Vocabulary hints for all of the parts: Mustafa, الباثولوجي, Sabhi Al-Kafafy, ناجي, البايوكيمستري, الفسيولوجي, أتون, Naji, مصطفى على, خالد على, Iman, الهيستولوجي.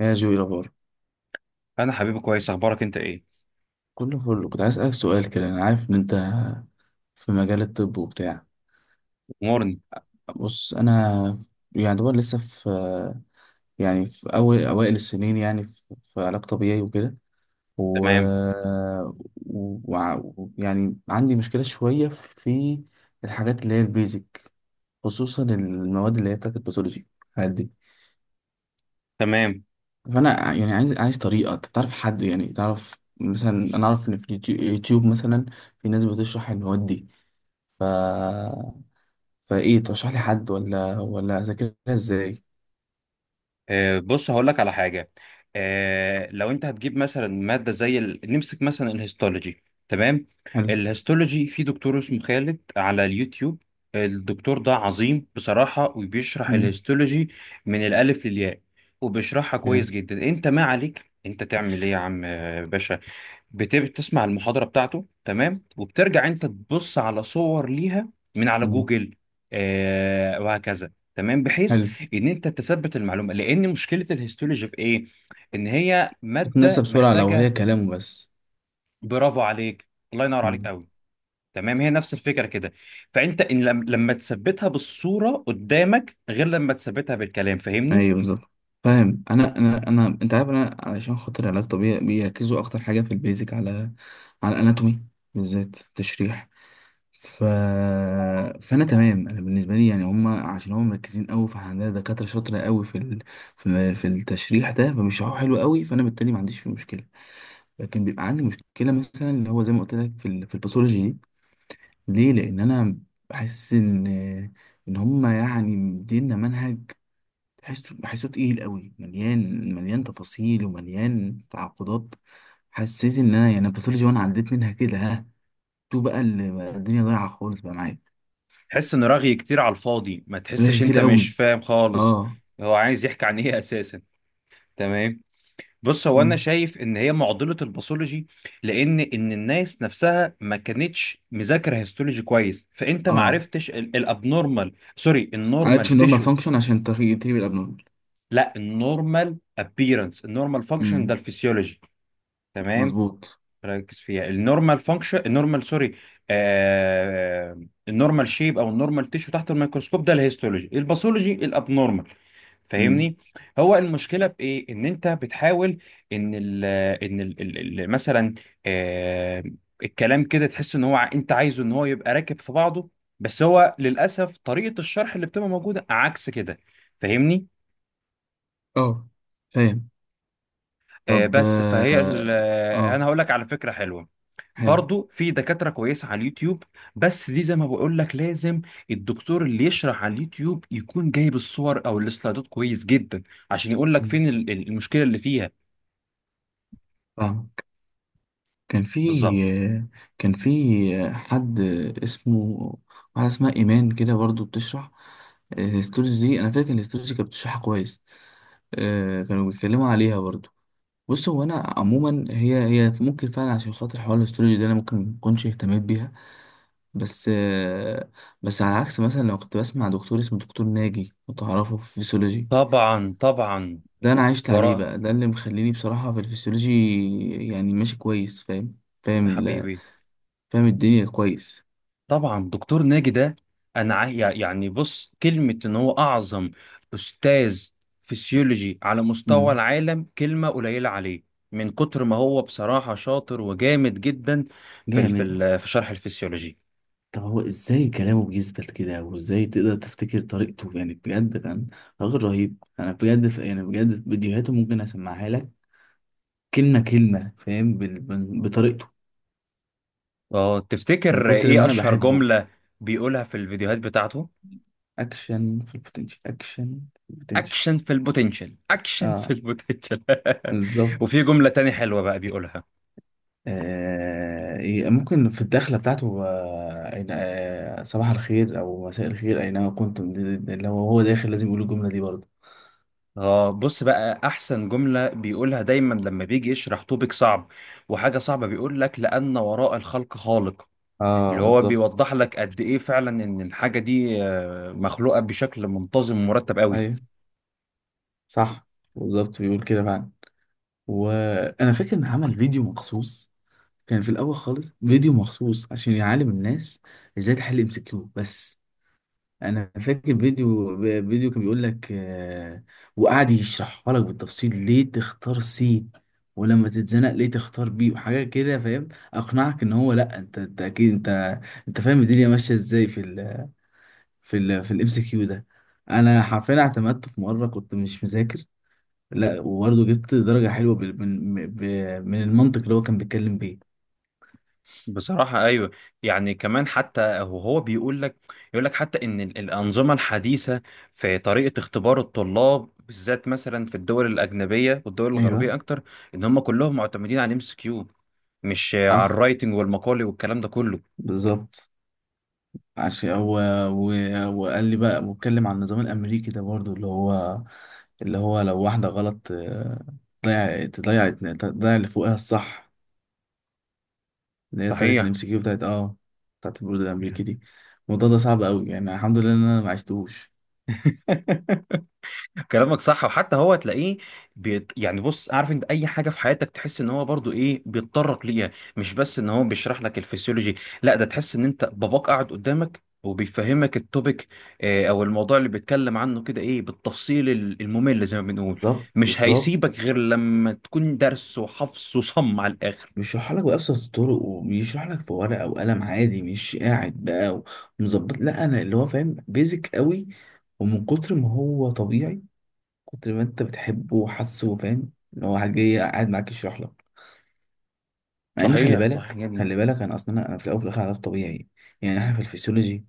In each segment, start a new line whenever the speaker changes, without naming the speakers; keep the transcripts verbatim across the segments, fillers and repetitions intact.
يا جوي، إيه الأخبار؟
انا حبيبي كويس، اخبارك انت ايه؟
كله فل. كنت عايز أسألك سؤال كده، أنا عارف إن أنت في مجال الطب وبتاع.
امورني
بص أنا يعني دوبار لسه في، يعني في أول أوائل السنين، يعني في في علاج طبيعي وكده. و...
تمام
و... وع- و... يعني عندي مشكلة شوية في الحاجات اللي هي البيزك، خصوصا المواد اللي هي بتاعت الباثولوجي، الحاجات دي.
تمام.
فأنا ع- يعني عايز عايز طريقة. أنت تعرف حد يعني؟ تعرف مثلا، أنا أعرف إن في اليوتيو- يوتيوب مثلا في ناس بتشرح المواد دي. فايه ترشح لي حد ولا ولا اذاكرها ازاي؟
آه، بص هقول لك على حاجه. آه لو انت هتجيب مثلا ماده زي ال... نمسك مثلا الهيستولوجي تمام.
حلو.
الهيستولوجي في دكتور اسمه خالد على اليوتيوب. الدكتور ده عظيم بصراحه وبيشرح
مم.
الهيستولوجي من الالف للياء وبيشرحها كويس
يعني.
جدا. انت ما عليك انت تعمل ايه يا عم آه، باشا؟ بت- بتسمع المحاضرة بتاعته تمام وبترجع انت تبص على صور ليها من على
مم.
جوجل. آه وهكذا تمام بحيث
حلو.
ان انت تثبت المعلومة. لان مشكلة الهيستولوجي في ايه؟ ان هي
تتنسى
مادة
بسرعه لو هي
محتاجة.
كلامه بس.
برافو عليك، الله ينور عليك
مم.
قوي. تمام، هي نفس الفكرة كده. فانت ان لم- لما تثبتها بالصورة قدامك غير لما تثبتها بالكلام، فاهمني؟
ايوه بالظبط. فاهم. انا انا انا انت عارف، انا علشان خاطر علاج طبيعي بيركزوا اكتر حاجه في البيزك على على الاناتومي، بالذات تشريح. ف... فانا تمام. انا بالنسبه لي يعني هم، عشان هم مركزين قوي، فاحنا عندنا دكاتره شاطره قوي في ال... في في التشريح ده، فبيشرحوه حلو قوي. فانا بالتالي ما عنديش فيه مشكله. لكن بيبقى عندي مشكله مثلا اللي هو زي ما قلت لك في ال- في الباثولوجي دي. ليه؟ لان انا بحس ان ان هم يعني مدينا منهج تحسه بحسه تقيل قوي، مليان مليان تفاصيل ومليان تعقدات. حسيت ان انا يعني الباثولوجي، وانا عديت منها كده ها، تو بقى اللي بقى الدنيا ضايعه خالص بقى معايا.
تحس ان رغي كتير على الفاضي، ما
غير
تحسش انت
كتير
مش
قوي.
فاهم خالص.
اه.
هو عايز يحكي عن ايه اساسا؟ تمام. بص هو انا
مم.
شايف ان هي معضله الباثولوجي. لان ان الناس نفسها ما كانتش مذاكره هيستولوجي كويس، فانت ما
اه
عرفتش الابنورمال، سوري
بس
النورمال
عرفتش النورمال
تيشو.
فانكشن عشان تغير تغيب الابنورمال.
لا، النورمال ابييرنس النورمال فانكشن ده
امم.
الفسيولوجي. تمام.
مظبوط.
ركز فيها، النورمال فانكشن النورمال سوري، آه النورمال شيب او النورمال تيشو تحت الميكروسكوب ده الهيستولوجي، الباثولوجي الابنورمال،
امم.
فاهمني؟ هو المشكله في ايه؟ ان انت بتحاول ان ال، ان ال ال ال- مثلا آه، الكلام كده تحس ان هو ع- انت عايزه ان هو يبقى راكب في بعضه، بس هو للاسف طريقه الشرح اللي بتبقى موجوده عكس كده، فاهمني؟
اه فاهم.
آه
طب
بس فهي
اه.
ال- آه، انا
آه،
هقول لك على فكره حلوه.
حلو.
برضو في دكاترة كويسة على اليوتيوب، بس دي زي ما بقول لك لازم الدكتور اللي يشرح على اليوتيوب يكون جايب الصور او السلايدات كويس جدا، عشان يقول لك
مم.
فين ال- ال- المشكلة اللي فيها.
فاهمك. كان في
بالظبط.
كان في حد اسمه، واحدة اسمها إيمان كده برضو بتشرح الهيستولوجي دي. أنا فاكر إن الهيستولوجي كانت بتشرحها كويس. آه، كانوا بيتكلموا عليها برضو. بص هو أنا عموما، هي هي ممكن فعلا عشان خاطر حوار الهيستولوجي ده أنا ممكن مكنش اهتميت بيها. بس آه، بس على عكس مثلا لو كنت بسمع دكتور اسمه دكتور ناجي، لو تعرفه، في فيسيولوجي.
طبعا طبعا.
ده انا عشت عليه
وراء
بقى، ده اللي مخليني بصراحة في الفسيولوجي يعني ماشي كويس. فاهم فاهم
يا
ال...
حبيبي.
فاهم الدنيا كويس.
طبعا دكتور ناجي ده، انا عا- يعني بص، كلمة ان هو اعظم استاذ فسيولوجي على مستوى
امم.
العالم كلمة قليلة عليه. من كتر ما هو بصراحة شاطر وجامد جدا في ال- في
جامد.
ال- في شرح الفسيولوجي.
طب هو ازاي كلامه بيثبت كده؟ وازاي تقدر تفتكر طريقته؟ يعني بجد كان راجل رهيب. انا بجد ف... يعني بجد فيديوهاته ممكن اسمعها لك كلمة كلمة، فاهم، بال... بال- بطريقته،
اه،
من
تفتكر
كتر ما
ايه
انا
اشهر
بحبه.
جملة بيقولها في الفيديوهات بتاعته؟
اكشن في البوتنشال، اكشن في البوتنشال.
اكشن في البوتنشال، اكشن في
اه
البوتنشال.
بالظبط.
وفي جملة تاني حلوة بقى بيقولها.
آه، ي- ممكن في الدخلة بتاعته، آه، أين- آه، صباح الخير أو مساء الخير أينما كنتم. دي- دي- اللي هو هو داخل لازم يقول الجملة دي برضه.
اه، بص بقى احسن جملة بيقولها دايما لما بيجي يشرح توبيك صعب وحاجة صعبة، بيقول لك: لأن وراء الخلق خالق.
اه
اللي هو
بالظبط.
بيوضح لك قد ايه فعلا ان الحاجة دي آه، مخلوقة بشكل منتظم ومرتب قوي.
أيوه. صح. بالظبط بيقول كده فعلا. وأنا فاكر إن عمل فيديو مخصوص، كان في الأول خالص فيديو مخصوص عشان يعلم الناس إزاي تحل ام سي كيو بس. انا فاكر فيديو، فيديو كان بيقول لك آه، وقعد يشرحها لك بالتفصيل ليه تختار سي، ولما تتزنق ليه تختار بي، وحاجات كده، فاهم. اقنعك ان هو، لا، انت، انت اكيد انت انت فاهم الدنيا ماشيه ازاي في ال في ال في الام سي كيو ده. انا حرفيا اعتمدته في مره كنت مش مذاكر، لا، وبرضه جبت درجه حلوه بال- من من من المنطق اللي هو كان بيتكلم بيه.
بصراحة أيوة. يعني كمان حتى وهو بيقول لك، يقول لك حتى إن ال- الأنظمة الحديثة في طريقة اختبار الطلاب بالذات مثلا في الدول الأجنبية والدول
ايوه.
الغربية أكتر، إن هم كلهم معتمدين على الام اس كيو، مش على
حصل.
الرايتنج والمقالي والكلام ده كله.
بالظبط. عشان هو، و- وقال لي بقى واتكلم عن النظام الامريكي ده برضو، اللي هو اللي هو لو واحده غلط آه، تضيع تضيع تضيع اللي فوقها الصح. اللي هي طريقه
صحيح.
الام سي كيو بتاعت اه بتاعت البرود الامريكي دي. الموضوع ده صعب قوي يعني، الحمد لله ان انا ما عشتوش.
كلامك صح. وحتى هو تلاقيه بيت... يعني بص، عارف انت اي حاجه في حياتك تحس ان هو برضو ايه بيتطرق ليها، مش بس ان هو بيشرح لك الفسيولوجي، لا، ده تحس ان انت باباك قاعد قدامك وبيفهمك التوبيك اه، او الموضوع اللي بيتكلم عنه كده ايه بالتفصيل ال- الممل زي ما بنقول.
بالظبط
مش
بالظبط.
هيسيبك غير لما تكون درس وحفظ وصم على الاخر.
بيشرح لك بأبسط الطرق، وبيشرح لك في ورقة وقلم عادي، مش قاعد بقى ومظبط. لا، انا اللي هو فاهم بيزك قوي، ومن كتر ما هو طبيعي، كتر ما انت بتحبه وحاسه، فاهم، ان هو حاجة جاي قاعد معاك يشرح لك. مع ان خلي
صحيح، صحيح
بالك
جدا.
خلي بالك، انا اصلا انا أنا في الاول وفي الاخر علاج طبيعي يعني. احنا في الفسيولوجي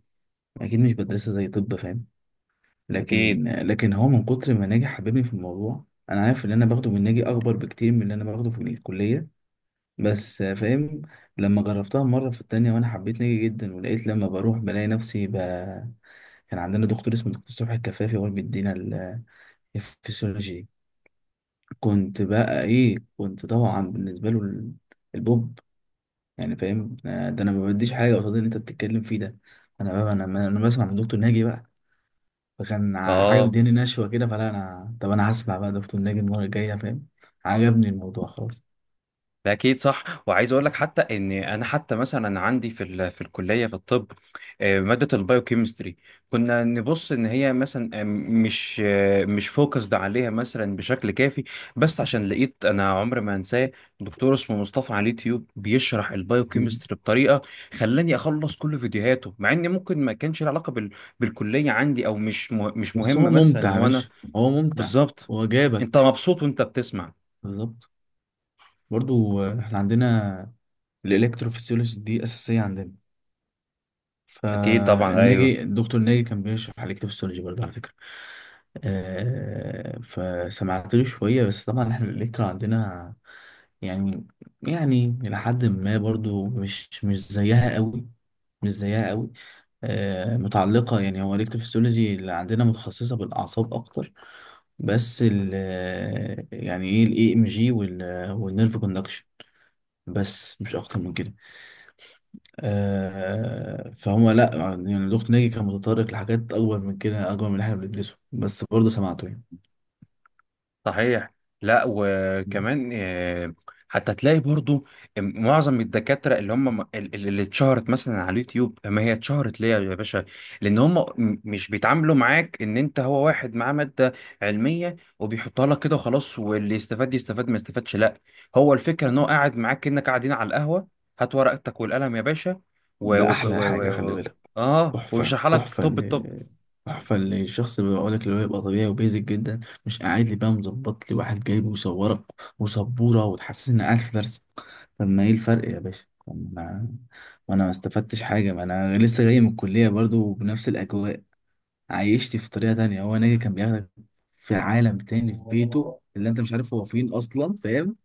اكيد مش بدرسها زي طب، فاهم.
اكيد
لكن لكن هو من كتر ما ناجي حببني في الموضوع، انا عارف اللي انا باخده من ناجي اكبر بكتير من اللي انا باخده في الكلية، بس، فاهم. لما جربتها مرة في التانية وانا حبيت ناجي جدا، ولقيت لما بروح بلاقي نفسي ب... كان عندنا دكتور اسمه دكتور صبحي الكفافي هو اللي بيدينا ال- الفسيولوجي دي. كنت بقى ايه، كنت طبعا بالنسبه له ال- البوب يعني، فاهم، آه، ده انا ما بديش حاجه قصاد اللي انت بتتكلم فيه ده. انا بقى انا انا بسمع من دكتور ناجي بقى. فكان ع- حاجه
اه.
مدياني نشوه كده، فلا انا طب انا هسمع بقى دكتور ناجي المره الجايه، فاهم. عجبني الموضوع خلاص.
ده اكيد صح. وعايز اقول لك حتى ان انا حتى مثلا عندي في ال... في الكليه في الطب آه، ماده البايوكيمستري كنا نبص ان هي مثلا آه، مش آه، مش فوكسد عليها مثلا بشكل كافي. بس عشان لقيت انا عمري ما انساه دكتور اسمه مصطفى على اليوتيوب بيشرح
مم.
البايوكيمستري بطريقه خلاني اخلص كل فيديوهاته، مع ان ممكن ما كانش له علاقه بال... بالكليه عندي او مش مه... مش
بس
مهمه
هو
مثلا
ممتع يا
ان انا.
باشا. هو ممتع.
بالظبط.
هو
انت
جابك.
مبسوط وانت بتسمع.
بالظبط. برضو آه، احنا عندنا الالكتروفيسيولوجي دي اساسيه عندنا.
اكيد طبعا ايوه.
فالناجي الدكتور ناجي كان بيشرح على الكتروفيسيولوجي برضه، على فكرة. آه، فسمعت له شوية، بس طبعا احنا الإلكترا عندنا يعني، يعني لحد ما برضه مش مش زيها قوي. مش زيها قوي. آه، متعلقة يعني، هو الإلكتروفيسيولوجي اللي عندنا متخصصة بالأعصاب أكتر. بس ال يعني إيه ال إي إم جي وال والنيرف كوندكشن. بس مش أكتر من كده. آه فهم. لا يعني الدكتور ناجي كان متطرق لحاجات اكبر من كده، اكبر من اللي احنا بندرسه، بس برضه سمعته يعني.
صحيح. لا وكمان آه، حتى تلاقي برضو معظم الدكاترة اللي هم اللي اللي اتشهرت مثلا على اليوتيوب، ما هي اتشهرت ليه يا باشا؟ لان هم م- مش بيتعاملوا معاك ان انت هو واحد معاه مادة علمية وبيحطها لك كده وخلاص، واللي يستفاد يستفاد ما يستفادش، لا. هو الفكرة ان هو قاعد معاك انك قاعدين على القهوة، هات ورقتك والقلم يا باشا و...
ده
و... و...
احلى حاجه
و...
خلي
و...
بالك.
اه،
تحفه
وبيشرح لك.
تحفه
طب
اللي تحفه اللي الشخص اللي بيقول لك اللي هو يبقى طبيعي وبيزك جدا، مش قاعد لي بقى مظبط لي واحد جايبه ويصورك وسبوره، وتحسسني اني قاعد في درس. طب ما ايه الفرق يا باشا؟ طب ما انا ما انا ما استفدتش حاجه، ما انا لسه جاي من الكليه برضه بنفس الاجواء، عايشت في طريقة تانية. هو ناجي كان بياخدك في عالم تاني، في بيته اللي انت مش عارف هو فين اصلا، فاهم.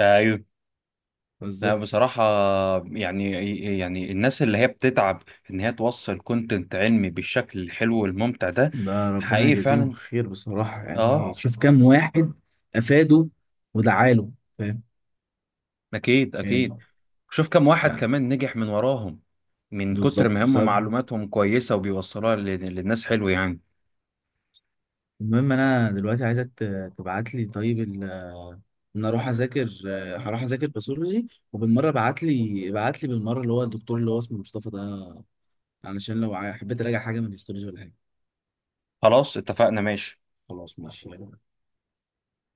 الطب، لا
بالظبط.
بصراحة، يعني يعني الناس اللي هي بتتعب إن هي توصل كونتنت علمي بالشكل الحلو والممتع ده،
ده ربنا
حقيقي
يجازيهم
فعلا
خير بصراحة
آه.
يعني. شوف كام واحد افاده ودعاله، فاهم،
أكيد
يعني،
أكيد. شوف كم واحد
يعني
كمان نجح من وراهم، من كتر
بالظبط
ما هم
بسبب.
معلوماتهم كويسة وبيوصلوها لل- للناس حلو يعني.
المهم، انا دلوقتي عايزك تبعت لي طيب ال- ان اروح اذاكر. هروح اذاكر باثولوجي، وبالمره ابعت لي ابعت لي بالمره اللي هو الدكتور اللي هو اسمه مصطفى ده علشان لو حبيت اراجع حاجه من الهيستولوجي ولا حاجه.
خلاص اتفقنا ماشي.
خلاص ماشي يلا.